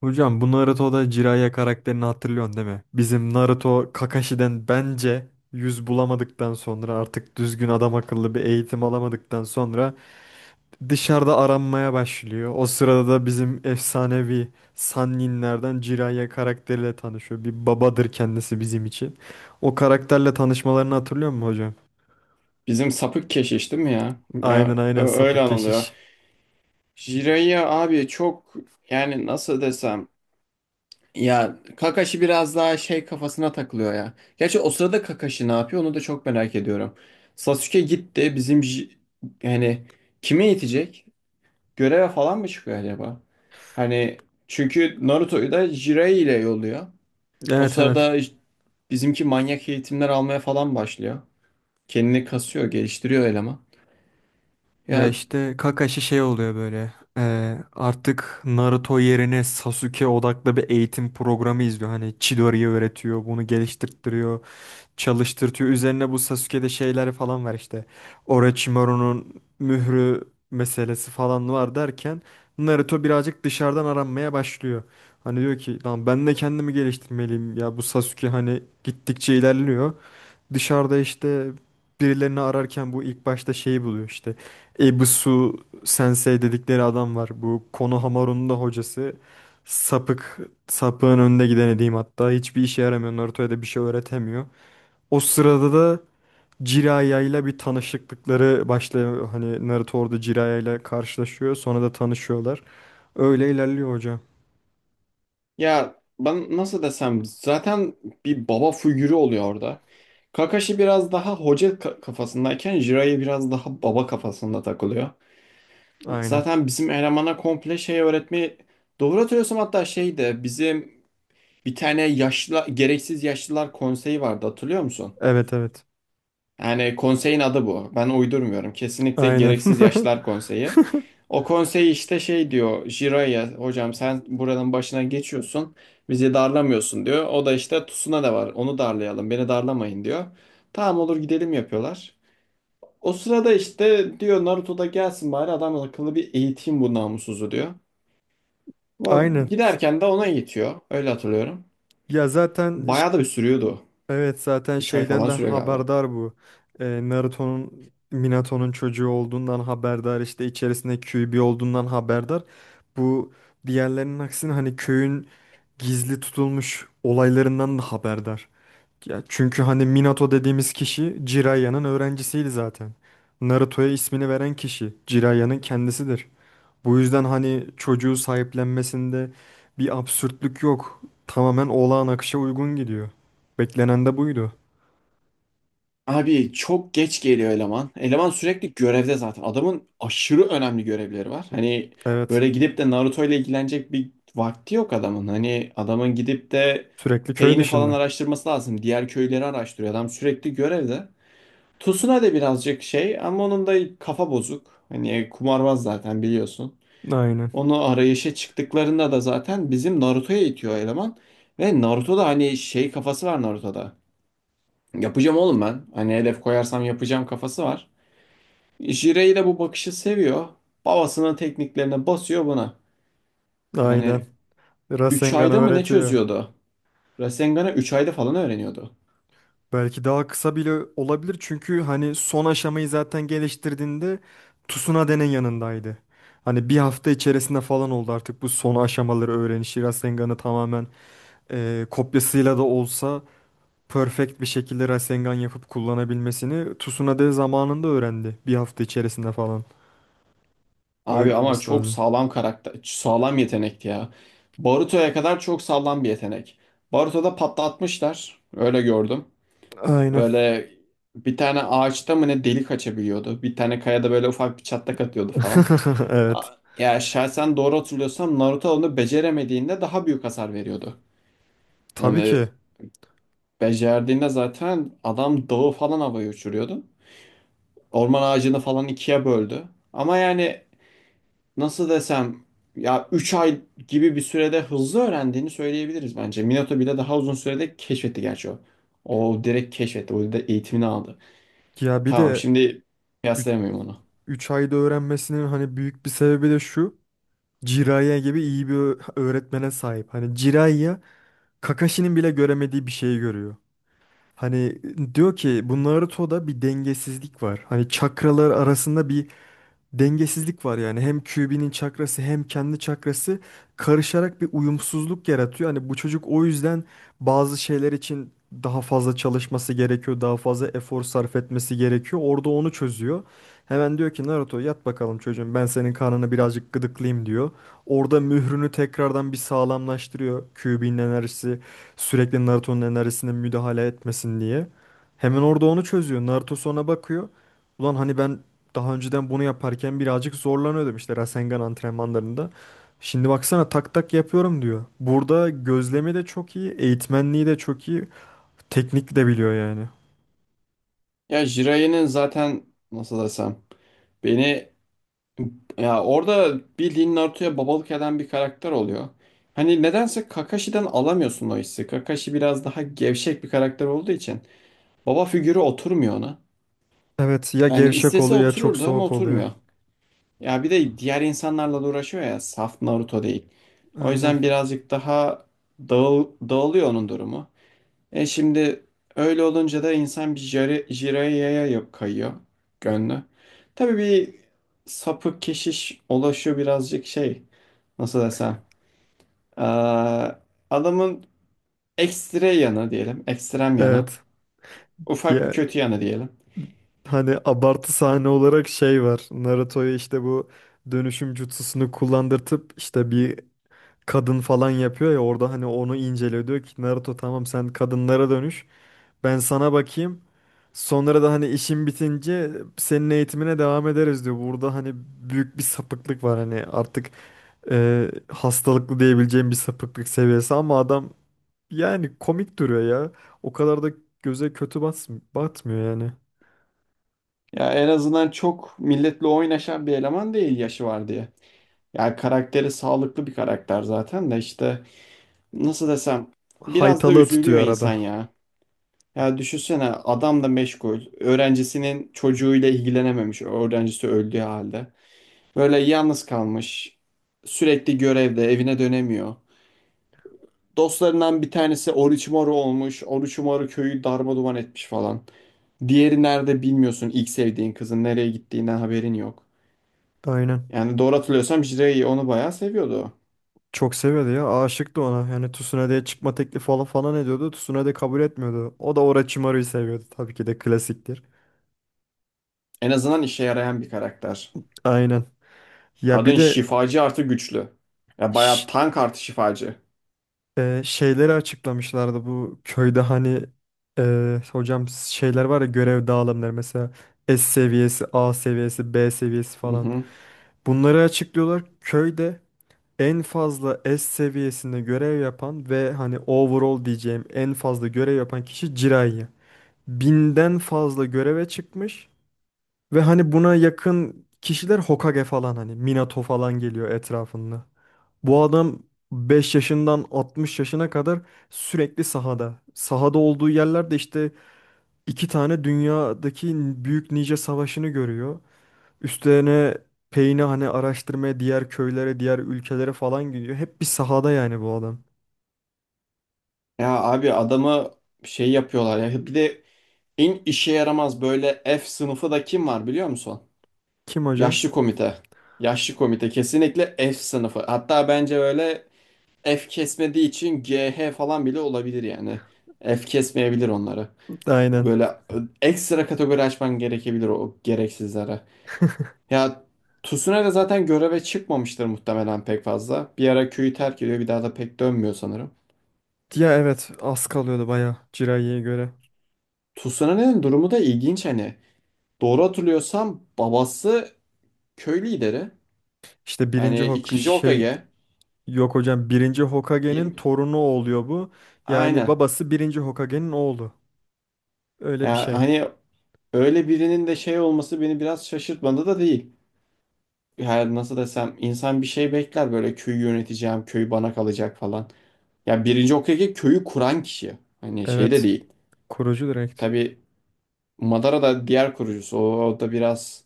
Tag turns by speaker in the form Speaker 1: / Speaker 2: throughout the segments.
Speaker 1: Hocam bu Naruto'da Jiraiya karakterini hatırlıyorsun değil mi? Bizim Naruto Kakashi'den bence yüz bulamadıktan sonra artık düzgün adam akıllı bir eğitim alamadıktan sonra dışarıda aranmaya başlıyor. O sırada da bizim efsanevi Sanninlerden Jiraiya karakteriyle tanışıyor. Bir babadır kendisi bizim için. O karakterle tanışmalarını hatırlıyor musun hocam?
Speaker 2: Bizim sapık keşiş değil mi ya?
Speaker 1: Aynen,
Speaker 2: Ya
Speaker 1: aynen,
Speaker 2: öyle
Speaker 1: sapık
Speaker 2: anılıyor.
Speaker 1: keşiş.
Speaker 2: Jiraiya abi çok yani nasıl desem ya Kakashi biraz daha şey kafasına takılıyor ya. Gerçi o sırada Kakashi ne yapıyor onu da çok merak ediyorum. Sasuke gitti bizim yani kime yetecek? Göreve falan mı çıkıyor acaba? Hani çünkü Naruto'yu da Jiraiya ile yolluyor. O
Speaker 1: Evet, evet.
Speaker 2: sırada bizimki manyak eğitimler almaya falan başlıyor. Kendini kasıyor, geliştiriyor eleman.
Speaker 1: Ya
Speaker 2: Ya
Speaker 1: işte Kakashi şey oluyor böyle. Artık Naruto yerine Sasuke odaklı bir eğitim programı izliyor. Hani Chidori'yi öğretiyor, bunu geliştirtiyor, çalıştırtıyor. Üzerine bu Sasuke'de şeyler falan var işte. Orochimaru'nun mührü meselesi falan var derken Naruto birazcık dışarıdan aranmaya başlıyor. Hani diyor ki lan ben de kendimi geliştirmeliyim. Ya bu Sasuke hani gittikçe ilerliyor. Dışarıda işte birilerini ararken bu ilk başta şeyi buluyor işte. Ebisu Sensei dedikleri adam var. Bu Konohamaru'nun da hocası. Sapık, sapığın önde gideni diyeyim hatta. Hiçbir işe yaramıyor. Naruto'ya da bir şey öğretemiyor. O sırada da Jiraiya ile bir tanışıklıkları başlıyor. Hani Naruto orada Jiraiya ile karşılaşıyor. Sonra da tanışıyorlar. Öyle ilerliyor hocam.
Speaker 2: Ya ben nasıl desem zaten bir baba figürü oluyor orada. Kakashi biraz daha hoca kafasındayken Jiraiya biraz daha baba kafasında takılıyor.
Speaker 1: Aynen.
Speaker 2: Zaten bizim elemana komple şey öğretmeyi doğru hatırlıyorsam hatta şeydi bizim bir tane yaşlı gereksiz yaşlılar konseyi vardı hatırlıyor musun?
Speaker 1: Evet, evet.
Speaker 2: Yani konseyin adı bu. Ben uydurmuyorum. Kesinlikle
Speaker 1: Aynen.
Speaker 2: Gereksiz Yaşlar Konseyi. O konsey işte şey diyor Jiraiya hocam sen buranın başına geçiyorsun. Bizi darlamıyorsun diyor. O da işte Tsuna da var. Onu darlayalım. Beni darlamayın diyor. Tamam olur gidelim yapıyorlar. O sırada işte diyor Naruto da gelsin bari adam akıllı bir eğiteyim bu namussuzu diyor.
Speaker 1: Aynen.
Speaker 2: Giderken de ona eğitiyor. Öyle hatırlıyorum.
Speaker 1: Ya zaten.
Speaker 2: Bayağı da bir sürüyordu.
Speaker 1: Evet, zaten
Speaker 2: 3 ay
Speaker 1: şeyden
Speaker 2: falan
Speaker 1: de
Speaker 2: sürüyor galiba.
Speaker 1: haberdar bu. Naruto'nun Minato'nun çocuğu olduğundan haberdar, işte içerisinde Kyuubi bir olduğundan haberdar. Bu diğerlerinin aksine hani köyün gizli tutulmuş olaylarından da haberdar. Ya çünkü hani Minato dediğimiz kişi Jiraiya'nın öğrencisiydi zaten. Naruto'ya ismini veren kişi Jiraiyanın kendisidir. Bu yüzden hani çocuğu sahiplenmesinde bir absürtlük yok. Tamamen olağan akışa uygun gidiyor. Beklenen de buydu.
Speaker 2: Abi çok geç geliyor eleman. Eleman sürekli görevde zaten. Adamın aşırı önemli görevleri var. Hani
Speaker 1: Evet.
Speaker 2: böyle gidip de Naruto ile ilgilenecek bir vakti yok adamın. Hani adamın gidip de
Speaker 1: Sürekli köy
Speaker 2: Pain'i falan
Speaker 1: dışında.
Speaker 2: araştırması lazım. Diğer köyleri araştırıyor. Adam sürekli görevde. Tsunade de birazcık şey ama onun da kafa bozuk. Hani kumarbaz zaten biliyorsun.
Speaker 1: Aynen.
Speaker 2: Onu arayışa çıktıklarında da zaten bizim Naruto'ya itiyor eleman. Ve Naruto'da hani şey kafası var Naruto'da. Yapacağım oğlum ben. Hani hedef koyarsam yapacağım kafası var. Jirey de bu bakışı seviyor. Babasının tekniklerine basıyor buna. Yani
Speaker 1: Aynen.
Speaker 2: üç
Speaker 1: Rasengan
Speaker 2: ayda mı ne
Speaker 1: öğretiyor.
Speaker 2: çözüyordu? Rasengan'ı 3 ayda falan öğreniyordu.
Speaker 1: Belki daha kısa bile olabilir çünkü hani son aşamayı zaten geliştirdiğinde Tsunade'nin yanındaydı. Hani bir hafta içerisinde falan oldu artık bu son aşamaları öğrenişi. Rasengan'ı tamamen kopyasıyla da olsa perfect bir şekilde Rasengan yapıp kullanabilmesini Tsunade zamanında öğrendi. Bir hafta içerisinde falan. Öyle
Speaker 2: Abi ama
Speaker 1: olması
Speaker 2: çok
Speaker 1: lazım.
Speaker 2: sağlam karakter, sağlam yetenekti ya. Baruto'ya kadar çok sağlam bir yetenek. Baruto'da patlatmışlar. Öyle gördüm.
Speaker 1: Aynen.
Speaker 2: Böyle bir tane ağaçta mı ne delik açabiliyordu. Bir tane kayada böyle ufak bir çatlak atıyordu falan. A-
Speaker 1: Evet.
Speaker 2: Ya şahsen doğru hatırlıyorsam Naruto onu beceremediğinde daha büyük hasar veriyordu.
Speaker 1: Tabii ki.
Speaker 2: Yani becerdiğinde zaten adam dağı falan havaya uçuruyordu. Orman ağacını falan ikiye böldü. Ama yani nasıl desem ya 3 ay gibi bir sürede hızlı öğrendiğini söyleyebiliriz bence. Minato bile daha uzun sürede keşfetti gerçi o. O direkt keşfetti. O da eğitimini aldı.
Speaker 1: Ya bir
Speaker 2: Tamam
Speaker 1: de
Speaker 2: şimdi kıyaslayamıyorum onu.
Speaker 1: 3 ayda öğrenmesinin hani büyük bir sebebi de şu. Jiraiya gibi iyi bir öğretmene sahip. Hani Jiraiya Kakashi'nin bile göremediği bir şeyi görüyor. Hani diyor ki bu Naruto'da bir dengesizlik var. Hani çakralar arasında bir dengesizlik var yani. Hem QB'nin çakrası hem kendi çakrası karışarak bir uyumsuzluk yaratıyor. Hani bu çocuk o yüzden bazı şeyler için daha fazla çalışması gerekiyor, daha fazla efor sarf etmesi gerekiyor. Orada onu çözüyor. Hemen diyor ki Naruto yat bakalım çocuğum, ben senin karnını birazcık gıdıklayayım diyor. Orada mührünü tekrardan bir sağlamlaştırıyor. QB'nin enerjisi sürekli Naruto'nun enerjisine müdahale etmesin diye. Hemen orada onu çözüyor. Naruto sonra bakıyor. Ulan hani ben daha önceden bunu yaparken birazcık zorlanıyordum işte Rasengan antrenmanlarında. Şimdi baksana tak tak yapıyorum diyor. Burada gözlemi de çok iyi, eğitmenliği de çok iyi, teknik de biliyor yani.
Speaker 2: Ya Jiraiya'nın zaten nasıl desem beni ya orada bildiğin Naruto'ya babalık eden bir karakter oluyor. Hani nedense Kakashi'den alamıyorsun o hissi. Kakashi biraz daha gevşek bir karakter olduğu için baba figürü oturmuyor ona.
Speaker 1: Evet, ya
Speaker 2: Yani
Speaker 1: gevşek
Speaker 2: istese
Speaker 1: oluyor ya çok
Speaker 2: otururdu ama
Speaker 1: soğuk oluyor.
Speaker 2: oturmuyor. Ya bir de diğer insanlarla da uğraşıyor ya saf Naruto değil. O
Speaker 1: Aynen.
Speaker 2: yüzden birazcık daha dağılıyor onun durumu. E şimdi öyle olunca da insan bir Jiraiya yok kayıyor gönlü. Tabii bir sapık keşiş ulaşıyor birazcık şey nasıl desem. Aa, adamın ekstre yanı diyelim ekstrem yanı
Speaker 1: Evet.
Speaker 2: ufak bir
Speaker 1: Ya,
Speaker 2: kötü yanı diyelim.
Speaker 1: hani abartı sahne olarak şey var. Naruto'ya işte bu dönüşüm jutsusunu kullandırtıp işte bir kadın falan yapıyor ya orada, hani onu inceliyor. Diyor ki Naruto tamam sen kadınlara dönüş. Ben sana bakayım. Sonra da hani işin bitince senin eğitimine devam ederiz diyor. Burada hani büyük bir sapıklık var, hani artık hastalıklı diyebileceğim bir sapıklık seviyesi, ama adam yani komik duruyor ya. O kadar da göze kötü batmıyor yani.
Speaker 2: Ya en azından çok milletle oynaşan bir eleman değil yaşı var diye. Yani karakteri sağlıklı bir karakter zaten de işte nasıl desem biraz da
Speaker 1: Haytalığı
Speaker 2: üzülüyor
Speaker 1: tutuyor arada.
Speaker 2: insan ya. Ya düşünsene adam da meşgul. Öğrencisinin çocuğuyla ilgilenememiş. Öğrencisi öldüğü halde. Böyle yalnız kalmış. Sürekli görevde evine dönemiyor. Dostlarından bir tanesi Orochimaru olmuş. Orochimaru köyü darmaduman etmiş falan. Diğeri nerede bilmiyorsun. İlk sevdiğin kızın nereye gittiğinden haberin yok.
Speaker 1: Aynen.
Speaker 2: Yani doğru hatırlıyorsam Jiraiya onu bayağı seviyordu.
Speaker 1: Çok seviyordu ya. Aşıktı ona. Yani Tsunade'ye çıkma teklifi falan falan ediyordu. Tsunade kabul etmiyordu. O da Orochimaru'yu seviyordu. Tabii ki de klasiktir.
Speaker 2: En azından işe yarayan bir karakter.
Speaker 1: Aynen. Ya bir
Speaker 2: Kadın
Speaker 1: de.
Speaker 2: şifacı artı güçlü. Ya
Speaker 1: Şşş,
Speaker 2: bayağı tank artı şifacı.
Speaker 1: Şeyleri açıklamışlardı bu köyde, hani hocam şeyler var ya, görev dağılımları mesela S seviyesi, A seviyesi, B seviyesi
Speaker 2: Hı
Speaker 1: falan.
Speaker 2: hı.
Speaker 1: Bunları açıklıyorlar. Köyde en fazla S seviyesinde görev yapan ve hani overall diyeceğim en fazla görev yapan kişi Jiraiya. 1.000'den fazla göreve çıkmış ve hani buna yakın kişiler Hokage falan, hani Minato falan geliyor etrafında. Bu adam 5 yaşından 60 yaşına kadar sürekli sahada. Sahada olduğu yerlerde işte 2 tane dünyadaki büyük nice savaşını görüyor. Üstlerine peyni hani araştırmaya diğer köylere, diğer ülkelere falan gidiyor. Hep bir sahada yani bu adam.
Speaker 2: Ya abi adamı şey yapıyorlar ya. Bir de en işe yaramaz böyle F sınıfı da kim var biliyor musun?
Speaker 1: Kim hocam?
Speaker 2: Yaşlı komite. Yaşlı komite kesinlikle F sınıfı. Hatta bence böyle F kesmediği için GH falan bile olabilir yani. F kesmeyebilir onları.
Speaker 1: Aynen.
Speaker 2: Böyle ekstra kategori açman gerekebilir o gereksizlere. Ya Tsunade zaten göreve çıkmamıştır muhtemelen pek fazla. Bir ara köyü terk ediyor bir daha da pek dönmüyor sanırım.
Speaker 1: Ya evet, az kalıyordu bayağı Jiraiya'ya göre.
Speaker 2: Tsunade'nin durumu da ilginç hani. Doğru hatırlıyorsam babası köy lideri.
Speaker 1: İşte birinci
Speaker 2: Hani
Speaker 1: Hok,
Speaker 2: ikinci
Speaker 1: şey,
Speaker 2: Hokage.
Speaker 1: yok hocam, birinci Hokage'nin
Speaker 2: Bir...
Speaker 1: torunu oluyor bu. Yani
Speaker 2: Aynen.
Speaker 1: babası birinci Hokage'nin oğlu. Öyle bir
Speaker 2: Ya
Speaker 1: şey.
Speaker 2: hani öyle birinin de şey olması beni biraz şaşırtmadı da değil. Yani nasıl desem insan bir şey bekler böyle köyü yöneteceğim, köy bana kalacak falan. Ya birinci Hokage köyü kuran kişi. Hani şey de
Speaker 1: Evet.
Speaker 2: değil.
Speaker 1: Kurucu direkt.
Speaker 2: Tabii Madara da diğer kurucusu. O da biraz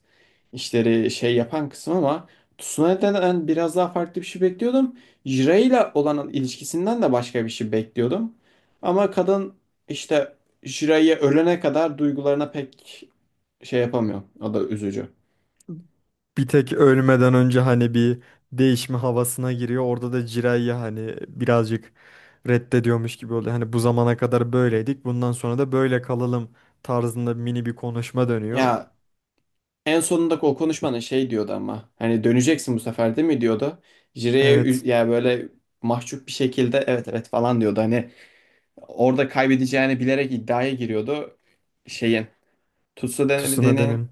Speaker 2: işleri şey yapan kısım ama Tsunade'den biraz daha farklı bir şey bekliyordum. Jiraiya ile olan ilişkisinden de başka bir şey bekliyordum. Ama kadın işte Jiraiya ölene kadar duygularına pek şey yapamıyor. O da üzücü.
Speaker 1: Bir tek ölmeden önce hani bir değişme havasına giriyor. Orada da Jiraiya hani birazcık reddediyormuş gibi oluyor. Hani bu zamana kadar böyleydik. Bundan sonra da böyle kalalım tarzında mini bir konuşma dönüyor.
Speaker 2: Ya en sonundaki o konuşmanın şey diyordu ama hani döneceksin bu sefer değil mi diyordu. Jireye
Speaker 1: Evet.
Speaker 2: ya böyle mahcup bir şekilde evet evet falan diyordu. Hani orada kaybedeceğini bilerek iddiaya giriyordu. Şeyin Tsunade'nin
Speaker 1: Tsunada'nın.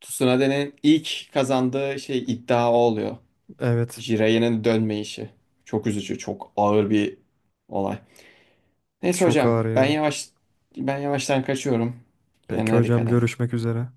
Speaker 2: Tsunade'nin ilk kazandığı şey iddia o oluyor.
Speaker 1: Evet.
Speaker 2: Jireye'nin dönme işi. Çok üzücü, çok ağır bir olay. Neyse
Speaker 1: Çok ağır
Speaker 2: hocam
Speaker 1: ya.
Speaker 2: ben yavaştan kaçıyorum.
Speaker 1: Peki
Speaker 2: Kendine
Speaker 1: hocam
Speaker 2: dikkat et.
Speaker 1: görüşmek üzere.